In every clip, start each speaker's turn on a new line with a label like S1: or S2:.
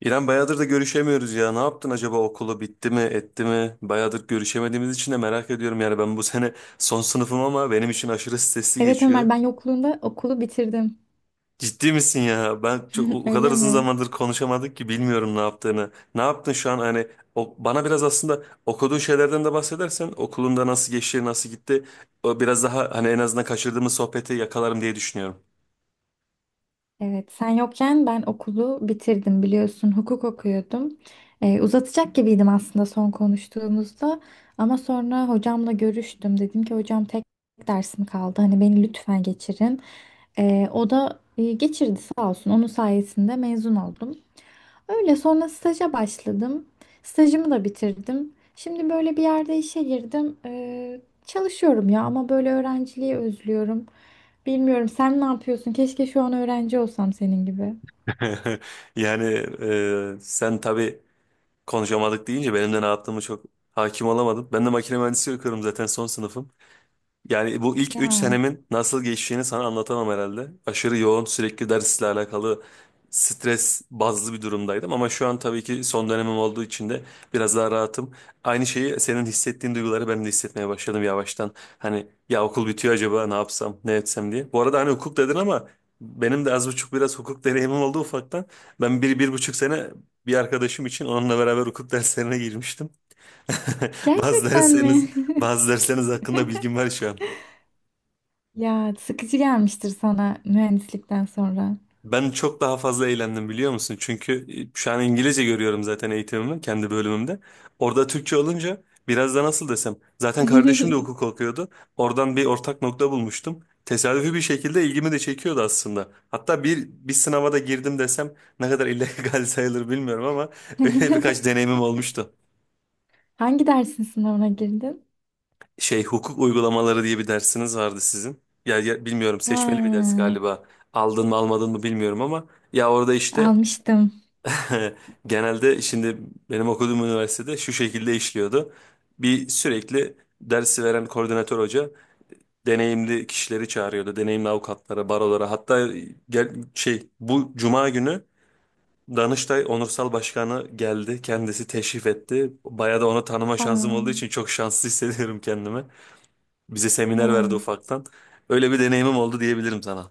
S1: İrem bayağıdır da görüşemiyoruz ya. Ne yaptın acaba okulu bitti mi etti mi? Bayağıdır görüşemediğimiz için de merak ediyorum yani ben bu sene son sınıfım ama benim için aşırı stresli
S2: Evet
S1: geçiyor.
S2: Ömer ben yokluğunda okulu bitirdim.
S1: Ciddi misin ya? Ben çok o kadar
S2: Öyle
S1: uzun
S2: mi?
S1: zamandır konuşamadık ki bilmiyorum ne yaptığını. Ne yaptın şu an hani o, bana biraz aslında okuduğun şeylerden de bahsedersen okulunda nasıl geçti nasıl gitti, o biraz daha hani en azından kaçırdığımız sohbeti yakalarım diye düşünüyorum.
S2: Evet sen yokken ben okulu bitirdim biliyorsun hukuk okuyordum. Uzatacak gibiydim aslında son konuştuğumuzda ama sonra hocamla görüştüm. Dedim ki hocam tek dersim kaldı hani beni lütfen geçirin. O da geçirdi sağ olsun, onun sayesinde mezun oldum. Öyle sonra staja başladım. Stajımı da bitirdim. Şimdi böyle bir yerde işe girdim. Çalışıyorum ya ama böyle öğrenciliği özlüyorum. Bilmiyorum, sen ne yapıyorsun? Keşke şu an öğrenci olsam senin gibi.
S1: Yani sen tabii. Konuşamadık deyince benim de ne yaptığımı çok hakim olamadım. Ben de makine mühendisliği okuyorum zaten son sınıfım. Yani bu ilk 3
S2: Ya,
S1: senemin nasıl geçtiğini sana anlatamam herhalde. Aşırı yoğun sürekli dersle alakalı stres bazlı bir durumdaydım. Ama şu an tabii ki son dönemim olduğu için de biraz daha rahatım. Aynı şeyi senin hissettiğin duyguları ben de hissetmeye başladım yavaştan. Hani ya okul bitiyor acaba ne yapsam ne etsem diye. Bu arada hani hukuk dedin ama benim de az buçuk biraz hukuk deneyimim oldu ufaktan. Ben bir, bir buçuk sene bir arkadaşım için onunla beraber hukuk derslerine girmiştim. Bazı
S2: gerçekten
S1: dersleriniz,
S2: mi?
S1: bazı dersleriniz hakkında bilgim var şu an.
S2: Ya sıkıcı gelmiştir sana mühendislikten sonra.
S1: Ben çok daha fazla eğlendim biliyor musun? Çünkü şu an İngilizce görüyorum zaten eğitimimi kendi bölümümde. Orada Türkçe olunca biraz da nasıl desem. Zaten kardeşim de hukuk okuyordu. Oradan bir ortak nokta bulmuştum. Tesadüfi bir şekilde ilgimi de çekiyordu aslında. Hatta bir sınava da girdim desem ne kadar illegal sayılır bilmiyorum ama öyle birkaç deneyimim olmuştu.
S2: Hangi dersin sınavına girdin?
S1: Şey hukuk uygulamaları diye bir dersiniz vardı sizin. Ya, bilmiyorum,
S2: Ha,
S1: seçmeli bir ders galiba. Aldın mı almadın mı bilmiyorum ama ya orada işte.
S2: almıştım.
S1: Genelde şimdi benim okuduğum üniversitede şu şekilde işliyordu. Bir sürekli dersi veren koordinatör hoca deneyimli kişileri çağırıyordu. Deneyimli avukatlara, barolara hatta gel, şey, bu cuma günü Danıştay Onursal Başkanı geldi. Kendisi teşrif etti. Bayağı da onu tanıma şansım olduğu için
S2: Aa,
S1: çok şanslı hissediyorum kendimi. Bize seminer verdi
S2: ya.
S1: ufaktan. Öyle bir deneyimim oldu diyebilirim sana.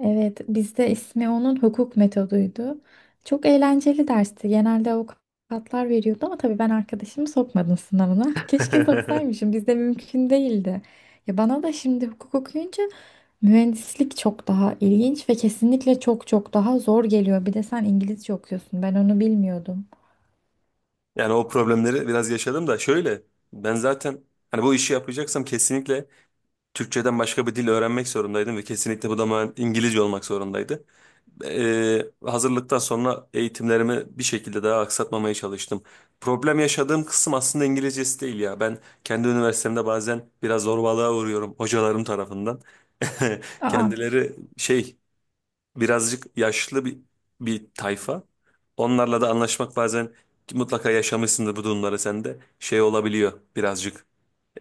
S2: Evet, bizde ismi onun hukuk metoduydu. Çok eğlenceli dersti. Genelde avukatlar veriyordu ama tabii ben arkadaşımı sokmadım sınavına. Keşke soksaymışım. Bizde mümkün değildi. Ya bana da şimdi hukuk okuyunca mühendislik çok daha ilginç ve kesinlikle çok çok daha zor geliyor. Bir de sen İngilizce okuyorsun. Ben onu bilmiyordum.
S1: Yani o problemleri biraz yaşadım da, şöyle, ben zaten hani bu işi yapacaksam kesinlikle Türkçeden başka bir dil öğrenmek zorundaydım ve kesinlikle bu da İngilizce olmak zorundaydı. Hazırlıktan sonra eğitimlerimi bir şekilde daha aksatmamaya çalıştım. Problem yaşadığım kısım aslında İngilizcesi değil ya. Ben kendi üniversitemde bazen biraz zorbalığa uğruyorum hocalarım tarafından.
S2: Aa,
S1: Kendileri şey birazcık yaşlı bir tayfa. Onlarla da anlaşmak bazen, ki mutlaka yaşamışsındır bu durumları sen de, şey olabiliyor birazcık.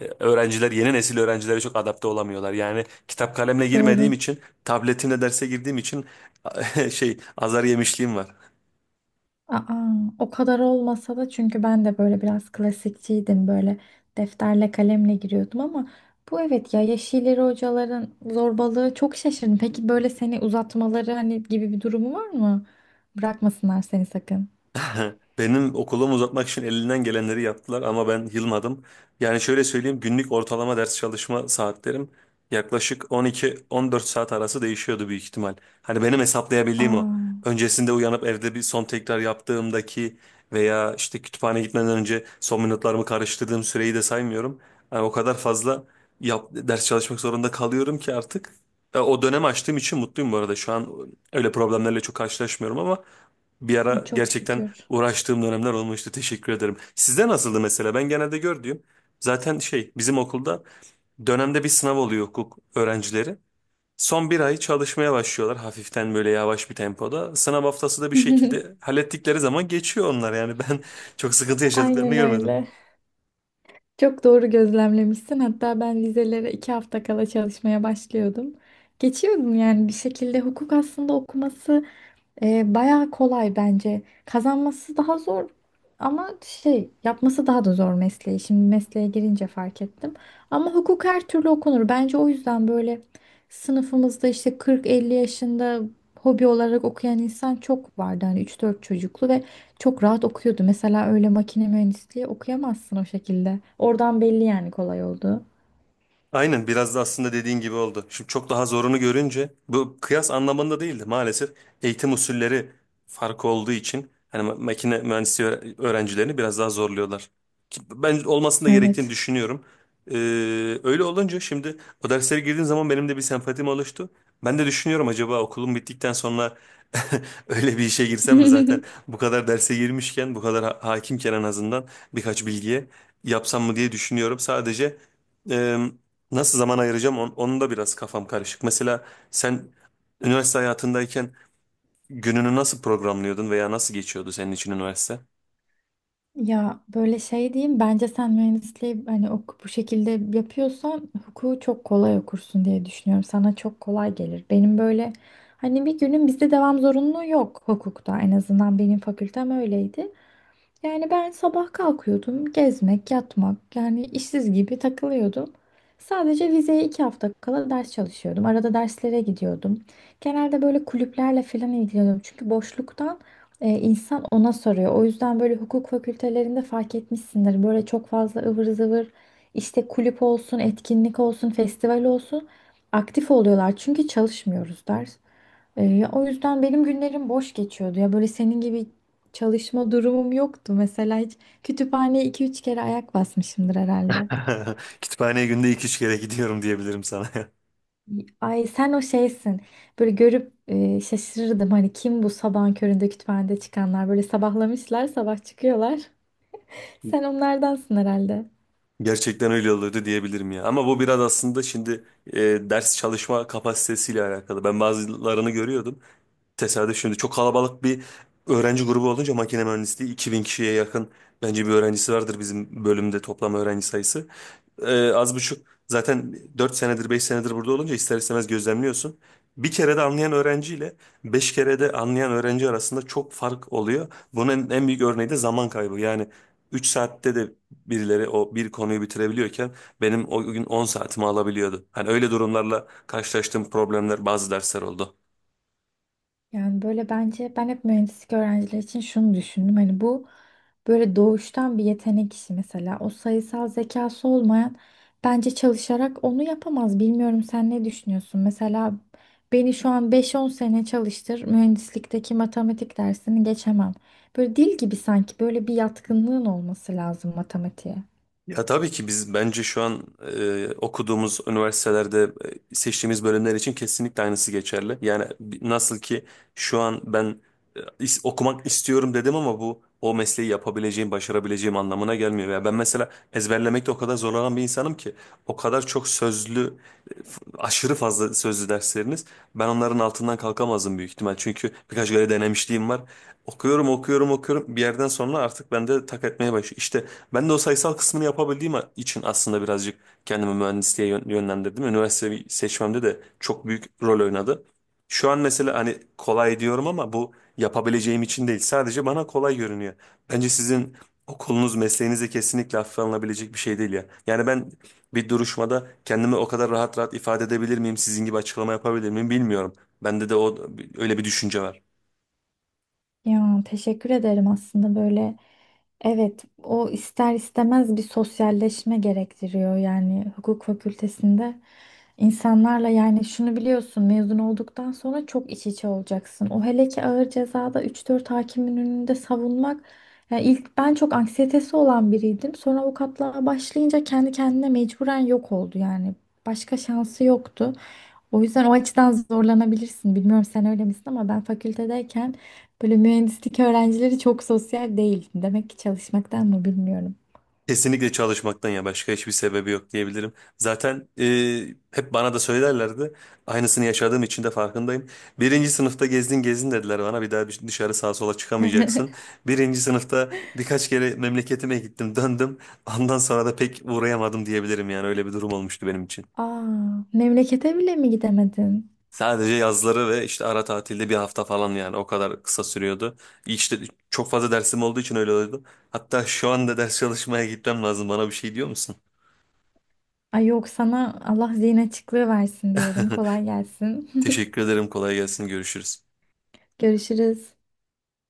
S1: Öğrenciler, yeni nesil öğrencilere çok adapte olamıyorlar. Yani kitap kalemle girmediğim
S2: doğru.
S1: için, tabletimle derse girdiğim için şey, azar yemişliğim var.
S2: Aa, o kadar olmasa da, çünkü ben de böyle biraz klasikçiydim, böyle defterle kalemle giriyordum ama bu evet ya, yeşilleri hocaların zorbalığı, çok şaşırdım. Peki böyle seni uzatmaları hani gibi bir durumu var mı? Bırakmasınlar seni sakın.
S1: Benim okulumu uzatmak için elinden gelenleri yaptılar ama ben yılmadım. Yani şöyle söyleyeyim, günlük ortalama ders çalışma saatlerim yaklaşık 12-14 saat arası değişiyordu büyük ihtimal. Hani benim hesaplayabildiğim o.
S2: Aa,
S1: Öncesinde uyanıp evde bir son tekrar yaptığımdaki veya işte kütüphane gitmeden önce son minutlarımı karıştırdığım süreyi de saymıyorum. Yani o kadar fazla ders çalışmak zorunda kalıyorum ki artık. O dönemi açtığım için mutluyum bu arada. Şu an öyle problemlerle çok karşılaşmıyorum ama bir ara
S2: çok
S1: gerçekten
S2: şükür.
S1: uğraştığım dönemler olmuştu. Teşekkür ederim. Sizde nasıldı mesela? Ben genelde gördüğüm, zaten şey, bizim okulda dönemde bir sınav oluyor hukuk öğrencileri. Son bir ay çalışmaya başlıyorlar hafiften, böyle yavaş bir tempoda. Sınav haftası da bir şekilde hallettikleri zaman geçiyor onlar, yani ben çok sıkıntı yaşadıklarını
S2: Aynen
S1: görmedim.
S2: öyle. Çok doğru gözlemlemişsin. Hatta ben vizelere iki hafta kala çalışmaya başlıyordum. Geçiyordum yani bir şekilde. Hukuk aslında okuması, bayağı kolay bence. Kazanması daha zor ama şey, yapması daha da zor mesleği. Şimdi mesleğe girince fark ettim. Ama hukuk her türlü okunur. Bence o yüzden böyle sınıfımızda işte 40-50 yaşında hobi olarak okuyan insan çok vardı. Hani 3-4 çocuklu ve çok rahat okuyordu. Mesela öyle makine mühendisliği okuyamazsın o şekilde. Oradan belli, yani kolay oldu.
S1: Aynen, biraz da aslında dediğin gibi oldu. Şimdi çok daha zorunu görünce, bu kıyas anlamında değildi maalesef, eğitim usulleri farkı olduğu için hani makine mühendisliği öğrencilerini biraz daha zorluyorlar. Ben olmasını da gerektiğini
S2: Evet.
S1: düşünüyorum. Ee, öyle olunca şimdi o derslere girdiğim zaman benim de bir sempatim oluştu. Ben de düşünüyorum acaba okulum bittikten sonra öyle bir işe girsem mi, zaten bu kadar derse girmişken, bu kadar hakimken, en azından birkaç bilgiye yapsam mı diye düşünüyorum. Sadece e, nasıl zaman ayıracağım, onun da biraz kafam karışık. Mesela sen üniversite hayatındayken gününü nasıl programlıyordun veya nasıl geçiyordu senin için üniversite?
S2: Ya böyle şey diyeyim, bence sen mühendisliği hani oku-, bu şekilde yapıyorsan hukuku çok kolay okursun diye düşünüyorum. Sana çok kolay gelir. Benim böyle hani bir günün, bizde devam zorunluluğu yok hukukta, en azından benim fakültem öyleydi. Yani ben sabah kalkıyordum, gezmek, yatmak, yani işsiz gibi takılıyordum. Sadece vizeye iki hafta kala ders çalışıyordum. Arada derslere gidiyordum. Genelde böyle kulüplerle falan ilgileniyordum. Çünkü boşluktan insan ona soruyor. O yüzden böyle hukuk fakültelerinde fark etmişsindir. Böyle çok fazla ıvır zıvır işte kulüp olsun, etkinlik olsun, festival olsun, aktif oluyorlar. Çünkü çalışmıyoruz ders. Ya o yüzden benim günlerim boş geçiyordu. Ya böyle senin gibi çalışma durumum yoktu mesela, hiç kütüphaneye iki üç kere ayak basmışımdır herhalde.
S1: Kütüphaneye günde iki üç kere gidiyorum diyebilirim sana.
S2: Ay sen o şeysin. Böyle görüp şaşırırdım hani, kim bu sabahın köründe kütüphanede çıkanlar, böyle sabahlamışlar sabah çıkıyorlar. Sen onlardansın herhalde.
S1: Gerçekten öyle oluyordu diyebilirim ya. Ama bu biraz aslında şimdi e, ders çalışma kapasitesiyle alakalı. Ben bazılarını görüyordum. Tesadüf, şimdi çok kalabalık bir öğrenci grubu olunca, makine mühendisliği 2.000 kişiye yakın bence bir öğrencisi vardır bizim bölümde toplam öğrenci sayısı. Az buçuk zaten 4 senedir 5 senedir burada olunca ister istemez gözlemliyorsun. Bir kere de anlayan öğrenciyle 5 kere de anlayan öğrenci arasında çok fark oluyor. Bunun en büyük örneği de zaman kaybı. Yani 3 saatte de birileri o bir konuyu bitirebiliyorken benim o gün 10 saatimi alabiliyordu. Hani öyle durumlarla karşılaştığım problemler bazı dersler oldu.
S2: Yani böyle, bence ben hep mühendislik öğrencileri için şunu düşündüm. Hani bu böyle doğuştan bir yetenek işi mesela. O sayısal zekası olmayan bence çalışarak onu yapamaz. Bilmiyorum, sen ne düşünüyorsun? Mesela beni şu an beş on sene çalıştır, mühendislikteki matematik dersini geçemem. Böyle dil gibi, sanki böyle bir yatkınlığın olması lazım matematiğe.
S1: Ya tabii ki, biz bence şu an okuduğumuz üniversitelerde, seçtiğimiz bölümler için kesinlikle aynısı geçerli. Yani nasıl ki şu an ben okumak istiyorum dedim ama bu o mesleği yapabileceğim, başarabileceğim anlamına gelmiyor. Ya ben mesela ezberlemekte o kadar zorlanan bir insanım ki, o kadar çok sözlü, aşırı fazla sözlü dersleriniz, ben onların altından kalkamazdım büyük ihtimal. Çünkü birkaç kere denemişliğim var. Okuyorum, okuyorum, okuyorum. Bir yerden sonra artık bende tak etmeye başlıyor. İşte ben de o sayısal kısmını yapabildiğim için aslında birazcık kendimi mühendisliğe yönlendirdim. Üniversite seçmemde de çok büyük rol oynadı. Şu an mesela hani kolay diyorum ama bu yapabileceğim için değil. Sadece bana kolay görünüyor. Bence sizin okulunuz, mesleğiniz de kesinlikle hafife alınabilecek bir şey değil ya. Yani ben bir duruşmada kendimi o kadar rahat rahat ifade edebilir miyim, sizin gibi açıklama yapabilir miyim bilmiyorum. Bende de o, öyle bir düşünce var.
S2: Ya teşekkür ederim aslında. Böyle evet, o ister istemez bir sosyalleşme gerektiriyor yani hukuk fakültesinde insanlarla, yani şunu biliyorsun, mezun olduktan sonra çok iç içe olacaksın. O hele ki ağır cezada üç dört hakimin önünde savunmak, yani ilk ben çok anksiyetesi olan biriydim, sonra avukatlığa başlayınca kendi kendine mecburen yok oldu yani, başka şansı yoktu. O yüzden o açıdan zorlanabilirsin. Bilmiyorum sen öyle misin ama ben fakültedeyken böyle mühendislik öğrencileri çok sosyal değil. Demek ki çalışmaktan mı, bilmiyorum.
S1: Kesinlikle çalışmaktan, ya başka hiçbir sebebi yok diyebilirim. Zaten hep bana da söylerlerdi. Aynısını yaşadığım için de farkındayım. Birinci sınıfta gezdin gezdin dediler bana. Bir daha dışarı sağa sola çıkamayacaksın. Birinci sınıfta birkaç kere memleketime gittim döndüm. Ondan sonra da pek uğrayamadım diyebilirim, yani öyle bir durum olmuştu benim için.
S2: Aa, memlekete bile mi gidemedin?
S1: Sadece yazları ve işte ara tatilde bir hafta falan, yani o kadar kısa sürüyordu. İşte çok fazla dersim olduğu için öyle oldu. Hatta şu anda ders çalışmaya gitmem lazım, bana bir şey diyor musun?
S2: Ay yok, sana Allah zihin açıklığı versin diyorum. Kolay gelsin.
S1: Teşekkür ederim. Kolay gelsin. Görüşürüz.
S2: Görüşürüz.